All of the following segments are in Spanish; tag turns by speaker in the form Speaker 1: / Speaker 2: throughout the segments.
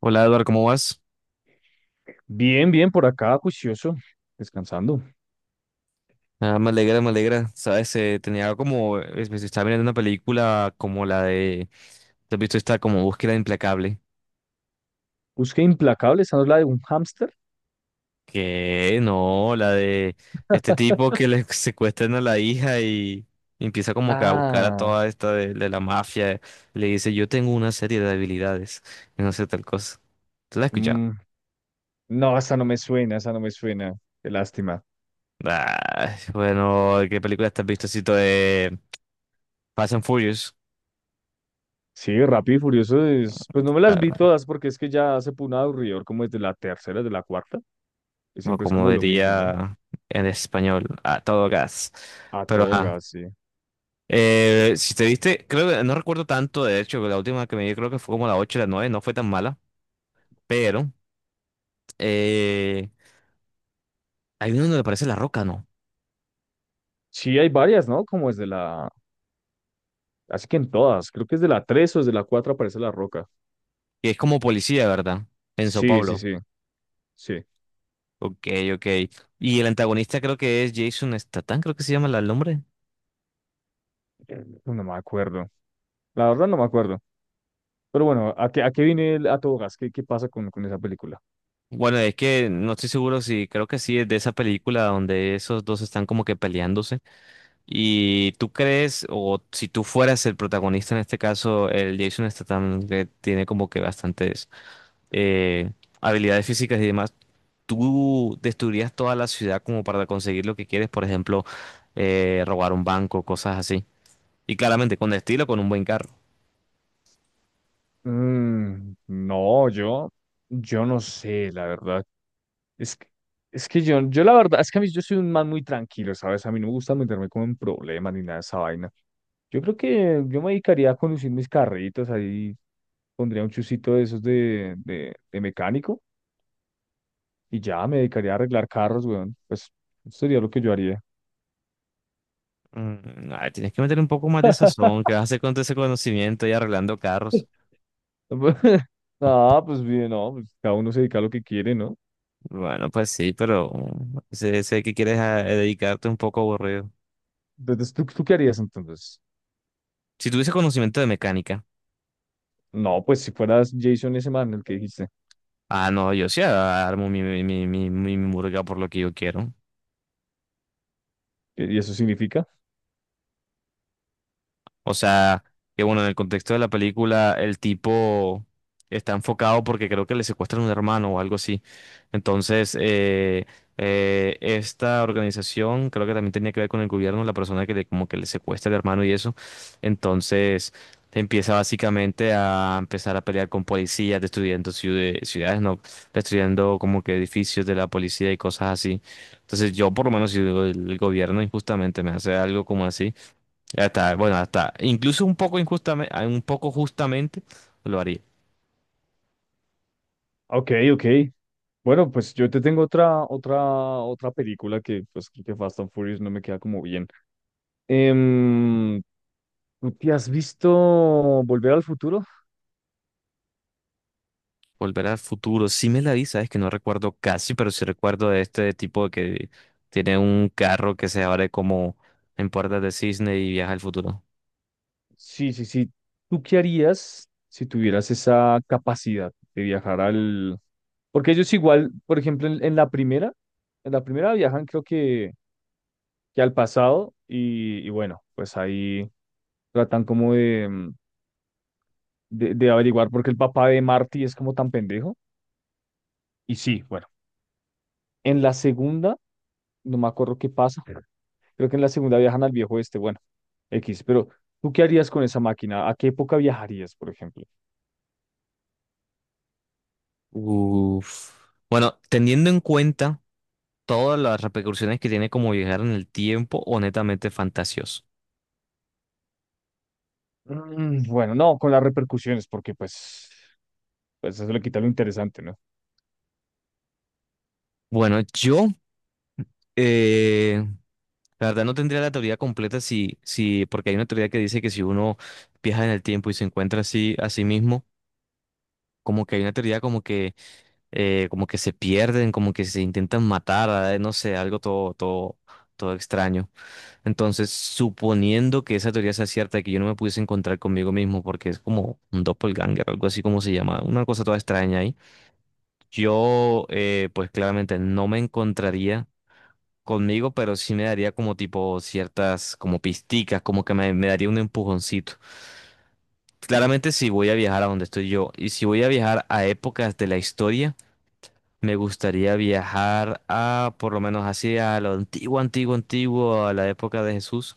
Speaker 1: Hola Eduardo, ¿cómo vas?
Speaker 2: Bien, bien, por acá, juicioso, descansando.
Speaker 1: Ah, me alegra, me alegra. Sabes, tenía como, me estaba mirando una película como la de, ¿te has visto esta como Búsqueda Implacable?
Speaker 2: Busqué Implacable, ¿esa no es la de un hámster?
Speaker 1: Que no, la de este tipo que le secuestran a la hija y empieza como que a buscar a
Speaker 2: Ah,
Speaker 1: toda esta de la mafia. Le dice, yo tengo una serie de habilidades y no sé tal cosa. ¿Tú la has escuchado?
Speaker 2: mm, no, esa no me suena, esa no me suena. Qué lástima.
Speaker 1: Ah, bueno, ¿qué película te has visto? Así, de Fast and Furious.
Speaker 2: Sí, Rápido y Furioso es, pues no me las vi
Speaker 1: Ah,
Speaker 2: todas porque es que ya se pone aburridor como desde la tercera, desde la cuarta, que
Speaker 1: o
Speaker 2: siempre es
Speaker 1: como
Speaker 2: como lo mismo, ¿no?
Speaker 1: diría en español, a todo gas.
Speaker 2: A
Speaker 1: Pero
Speaker 2: todo
Speaker 1: ajá.
Speaker 2: gas, sí.
Speaker 1: Si te viste, creo que no recuerdo tanto, de hecho, la última que me vi creo que fue como la 8 o la 9 no fue tan mala, pero eh, hay uno donde aparece La Roca, ¿no?
Speaker 2: Sí, hay varias, ¿no? Como desde la, así que en todas, creo que es de la tres o desde la cuatro aparece La Roca.
Speaker 1: Que es como policía, ¿verdad? En Sao
Speaker 2: Sí, sí,
Speaker 1: Paulo.
Speaker 2: sí, sí.
Speaker 1: Ok, ok. Y el antagonista creo que es Jason Statham, creo que se llama el nombre.
Speaker 2: No me acuerdo. La verdad no me acuerdo. Pero bueno, ¿a qué viene el A Todo Gas? ¿Qué pasa con esa película?
Speaker 1: Bueno, es que no estoy seguro si creo que sí es de esa película donde esos dos están como que peleándose. ¿Y tú crees, o si tú fueras el protagonista en este caso, el Jason Statham, que tiene como que bastantes eh, habilidades físicas y demás, ¿tú destruirías toda la ciudad como para conseguir lo que quieres? Por ejemplo, robar un banco, cosas así. Y claramente, con estilo, con un buen carro.
Speaker 2: No, yo no sé, la verdad. Es que, es que yo la verdad, es que a mí yo soy un man muy tranquilo, ¿sabes? A mí no me gusta meterme como en problemas ni nada de esa vaina. Yo creo que yo me dedicaría a conducir mis carritos, ahí pondría un chusito de esos de mecánico y ya me dedicaría a arreglar carros, weón. Pues eso sería lo que yo haría.
Speaker 1: Mm, ay, tienes que meter un poco más de sazón, ¿qué vas a hacer con todo ese conocimiento y arreglando carros?
Speaker 2: Ah, pues bien, no, pues cada uno se dedica a lo que quiere, ¿no?
Speaker 1: Bueno, pues sí, pero mm, sé que quieres dedicarte un poco aburrido.
Speaker 2: Entonces, ¿tú qué harías entonces?
Speaker 1: Si tuviese conocimiento de mecánica.
Speaker 2: No, pues si fueras Jason ese man, el que dijiste.
Speaker 1: Ah, no, yo sí armo mi murga por lo que yo quiero.
Speaker 2: Y eso significa?
Speaker 1: O sea, que bueno, en el contexto de la película, el tipo está enfocado porque creo que le secuestran un hermano o algo así. Entonces, esta organización creo que también tenía que ver con el gobierno, la persona que le, como que le secuestra el hermano y eso. Entonces, empieza básicamente a empezar a pelear con policías, destruyendo ciudades, no, destruyendo como que edificios de la policía y cosas así. Entonces, yo por lo menos si el gobierno injustamente me hace algo como así. Ya está, bueno, hasta, incluso un poco injustamente, un poco justamente lo haría.
Speaker 2: Ok, ok. Bueno, pues yo te tengo otra película que, pues, creo que Fast and Furious no me queda como bien. Em, ¿Tú te has visto Volver al Futuro?
Speaker 1: Volver al futuro, sí me la vi, sabes que no recuerdo casi, pero sí recuerdo de este tipo que tiene un carro que se abre como en puertas de cisne y viaja al futuro.
Speaker 2: Sí, sí, sí. ¿Tú qué harías si tuvieras esa capacidad de viajar al... Porque ellos igual, por ejemplo, en la primera, en la primera viajan creo que al pasado y bueno, pues ahí tratan como de, de averiguar por qué el papá de Marty es como tan pendejo. Y sí, bueno, en la segunda, no me acuerdo qué pasa, creo que en la segunda viajan al viejo este, bueno, X, pero ¿tú qué harías con esa máquina? ¿A qué época viajarías, por ejemplo?
Speaker 1: Uf. Bueno, teniendo en cuenta todas las repercusiones que tiene como viajar en el tiempo, honestamente fantasioso.
Speaker 2: Mm, bueno, no, con las repercusiones, porque pues, pues eso le quita lo interesante, ¿no?
Speaker 1: Bueno, yo, eh, la verdad no tendría la teoría completa si, porque hay una teoría que dice que si uno viaja en el tiempo y se encuentra así a sí mismo, como que hay una teoría como que se pierden, como que se intentan matar, no sé, algo todo, todo extraño. Entonces, suponiendo que esa teoría sea cierta, y que yo no me pudiese encontrar conmigo mismo, porque es como un doppelganger, algo así como se llama, una cosa toda extraña ahí, yo, pues claramente no me encontraría conmigo, pero sí me daría como tipo ciertas, como pisticas, como que me daría un empujoncito. Claramente si voy a viajar a donde estoy yo y si voy a viajar a épocas de la historia, me gustaría viajar a, por lo menos así, a lo antiguo, antiguo, a la época de Jesús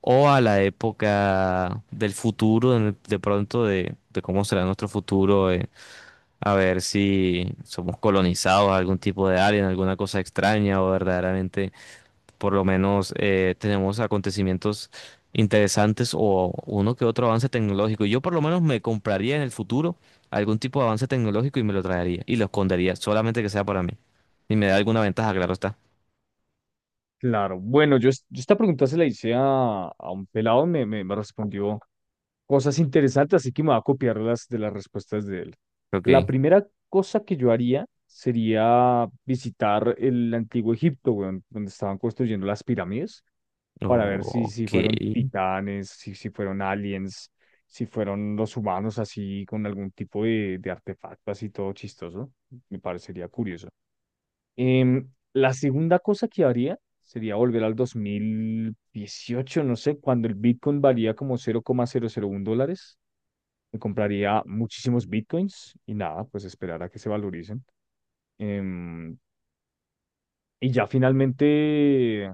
Speaker 1: o a la época del futuro, en de pronto de cómo será nuestro futuro, a ver si somos colonizados, algún tipo de alien, alguna cosa extraña o verdaderamente por lo menos tenemos acontecimientos interesantes o uno que otro avance tecnológico. Yo por lo menos me compraría en el futuro algún tipo de avance tecnológico y me lo traería y lo escondería, solamente que sea para mí. Y me da alguna ventaja, claro está.
Speaker 2: Claro, bueno, yo esta pregunta se la hice a un pelado, me respondió cosas interesantes, así que me voy a copiar las de las respuestas de él. La
Speaker 1: Ok,
Speaker 2: primera cosa que yo haría sería visitar el antiguo Egipto, weón, donde estaban construyendo las pirámides. Para ver si
Speaker 1: ok.
Speaker 2: fueron titanes, si fueron aliens, si fueron los humanos así con algún tipo de artefacto así todo chistoso. Me parecería curioso. La segunda cosa que haría sería volver al 2018, no sé, cuando el Bitcoin valía como $0,001. Me compraría muchísimos Bitcoins y nada, pues esperar a que se valoricen. Em, y ya finalmente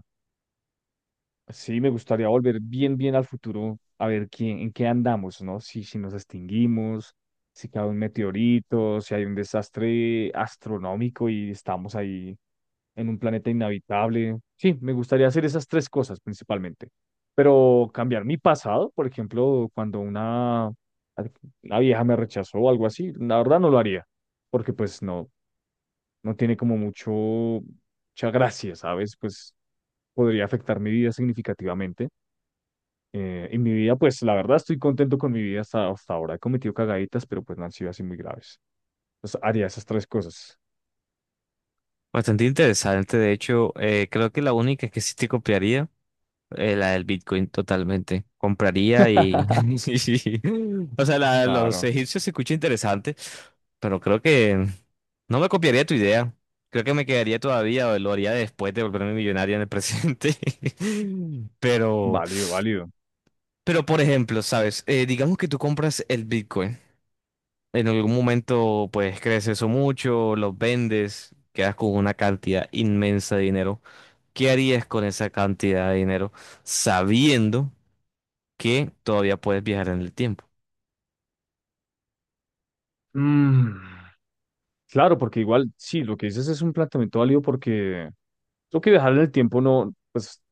Speaker 2: sí, me gustaría volver bien, bien al futuro, a ver quién, en qué andamos, ¿no? Si nos extinguimos, si cae un meteorito, si hay un desastre astronómico y estamos ahí en un planeta inhabitable. Sí, me gustaría hacer esas tres cosas principalmente. Pero cambiar mi pasado, por ejemplo, cuando una vieja me rechazó o algo así, la verdad no lo haría, porque pues no, no tiene como mucha gracia, ¿sabes? Pues podría afectar mi vida significativamente. Y mi vida, pues la verdad estoy contento con mi vida hasta, hasta ahora. He cometido cagaditas, pero pues no han sido así muy graves. Entonces haría esas tres cosas.
Speaker 1: Bastante interesante, de hecho, creo que la única que sí te copiaría. La del Bitcoin totalmente. Compraría y... sí. Sí. O sea, la de los
Speaker 2: Claro,
Speaker 1: egipcios se escucha interesante, pero creo que no me copiaría tu idea. Creo que me quedaría todavía o lo haría después de volverme millonaria en el presente. Pero,
Speaker 2: válido, válido.
Speaker 1: pero por ejemplo, ¿sabes? Digamos que tú compras el Bitcoin. En algún momento, pues crece eso mucho, los vendes, quedas con una cantidad inmensa de dinero. ¿Qué harías con esa cantidad de dinero sabiendo que todavía puedes viajar en el tiempo?
Speaker 2: Mm, Claro, porque igual, sí, lo que dices es un planteamiento válido porque lo que viajar en el tiempo no, pues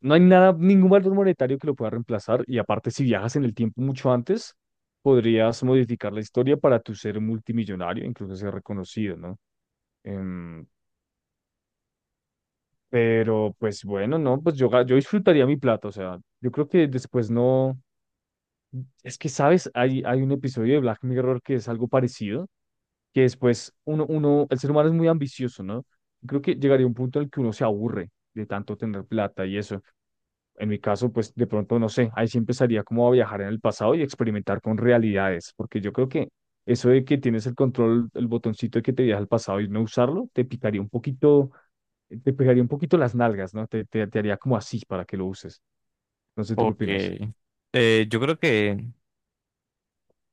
Speaker 2: no hay nada, ningún valor monetario que lo pueda reemplazar. Y aparte, si viajas en el tiempo mucho antes, podrías modificar la historia para tu ser multimillonario, incluso ser reconocido, ¿no? Em, pero pues bueno, no, pues yo disfrutaría mi plata, o sea, yo creo que después no, es que sabes, hay un episodio de Black Mirror que es algo parecido, que después el ser humano es muy ambicioso, ¿no? Creo que llegaría un punto en el que uno se aburre de tanto tener plata y eso. En mi caso, pues de pronto, no sé, ahí sí empezaría como a viajar en el pasado y experimentar con realidades, porque yo creo que eso de que tienes el control, el botoncito de que te viaja al pasado y no usarlo, te picaría un poquito, te pegaría un poquito las nalgas, ¿no? Te haría como así para que lo uses. Entonces, ¿tú qué
Speaker 1: Ok.
Speaker 2: opinas?
Speaker 1: Yo creo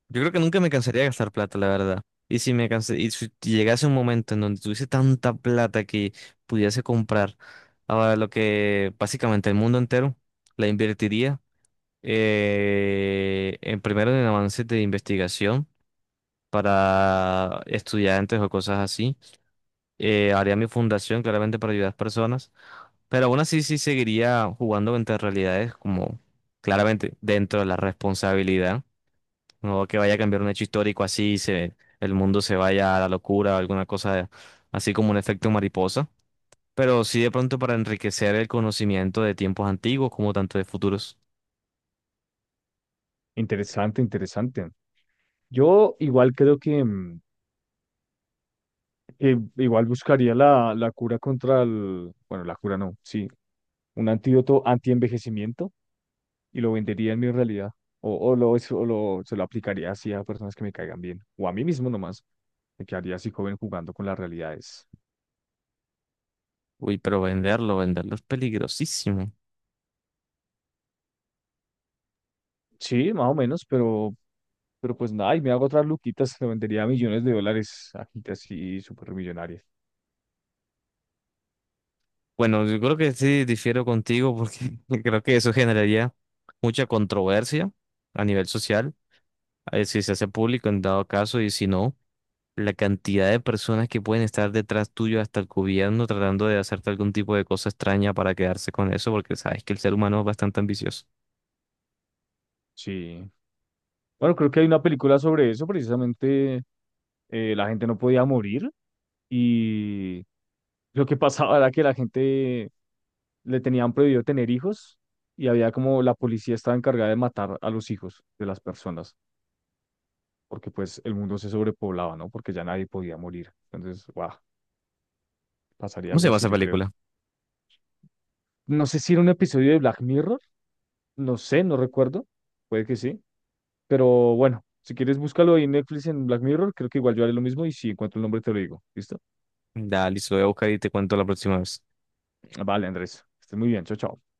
Speaker 1: yo creo que nunca me cansaría de gastar plata, la verdad. Y si me cansé, y si llegase un momento en donde tuviese tanta plata que pudiese comprar ahora lo que básicamente el mundo entero, la invertiría en primero en avances de investigación para estudiantes o cosas así. Haría mi fundación claramente para ayudar a las personas. Pero aún así sí seguiría jugando entre realidades como claramente dentro de la responsabilidad. No que vaya a cambiar un hecho histórico así, y se, el mundo se vaya a la locura o alguna cosa así como un efecto mariposa. Pero sí de pronto para enriquecer el conocimiento de tiempos antiguos como tanto de futuros.
Speaker 2: Interesante, interesante. Yo igual creo que, igual buscaría la cura contra el, bueno, la cura no, sí, un antídoto anti y lo vendería en mi realidad. O lo, se lo aplicaría así a personas que me caigan bien. O a mí mismo nomás. Me quedaría así joven jugando con las realidades.
Speaker 1: Uy, pero venderlo, venderlo es peligrosísimo.
Speaker 2: Sí, más o menos, pero pues nada, y me hago otras luquitas, lo vendería a millones de dólares a gente así súper millonaria.
Speaker 1: Bueno, yo creo que sí difiero contigo porque creo que eso generaría mucha controversia a nivel social. A si se hace público en dado caso y si no. La cantidad de personas que pueden estar detrás tuyo, hasta el gobierno, tratando de hacerte algún tipo de cosa extraña para quedarse con eso, porque sabes que el ser humano es bastante ambicioso.
Speaker 2: Sí, bueno, creo que hay una película sobre eso, precisamente la gente no podía morir y lo que pasaba era que la gente le tenían prohibido tener hijos y había como la policía estaba encargada de matar a los hijos de las personas, porque pues el mundo se sobrepoblaba, ¿no? Porque ya nadie podía morir. Entonces, wow, pasaría
Speaker 1: ¿Cómo se
Speaker 2: algo
Speaker 1: llama
Speaker 2: así,
Speaker 1: esa
Speaker 2: yo creo.
Speaker 1: película?
Speaker 2: No sé si era un episodio de Black Mirror, no sé, no recuerdo, puede que sí, pero bueno, si quieres búscalo ahí en Netflix en Black Mirror, creo que igual yo haré lo mismo y si encuentro el nombre te lo digo, ¿listo?
Speaker 1: Dale, se lo voy a buscar y te cuento la próxima vez.
Speaker 2: Vale, Andrés, estés muy bien, chao, chao.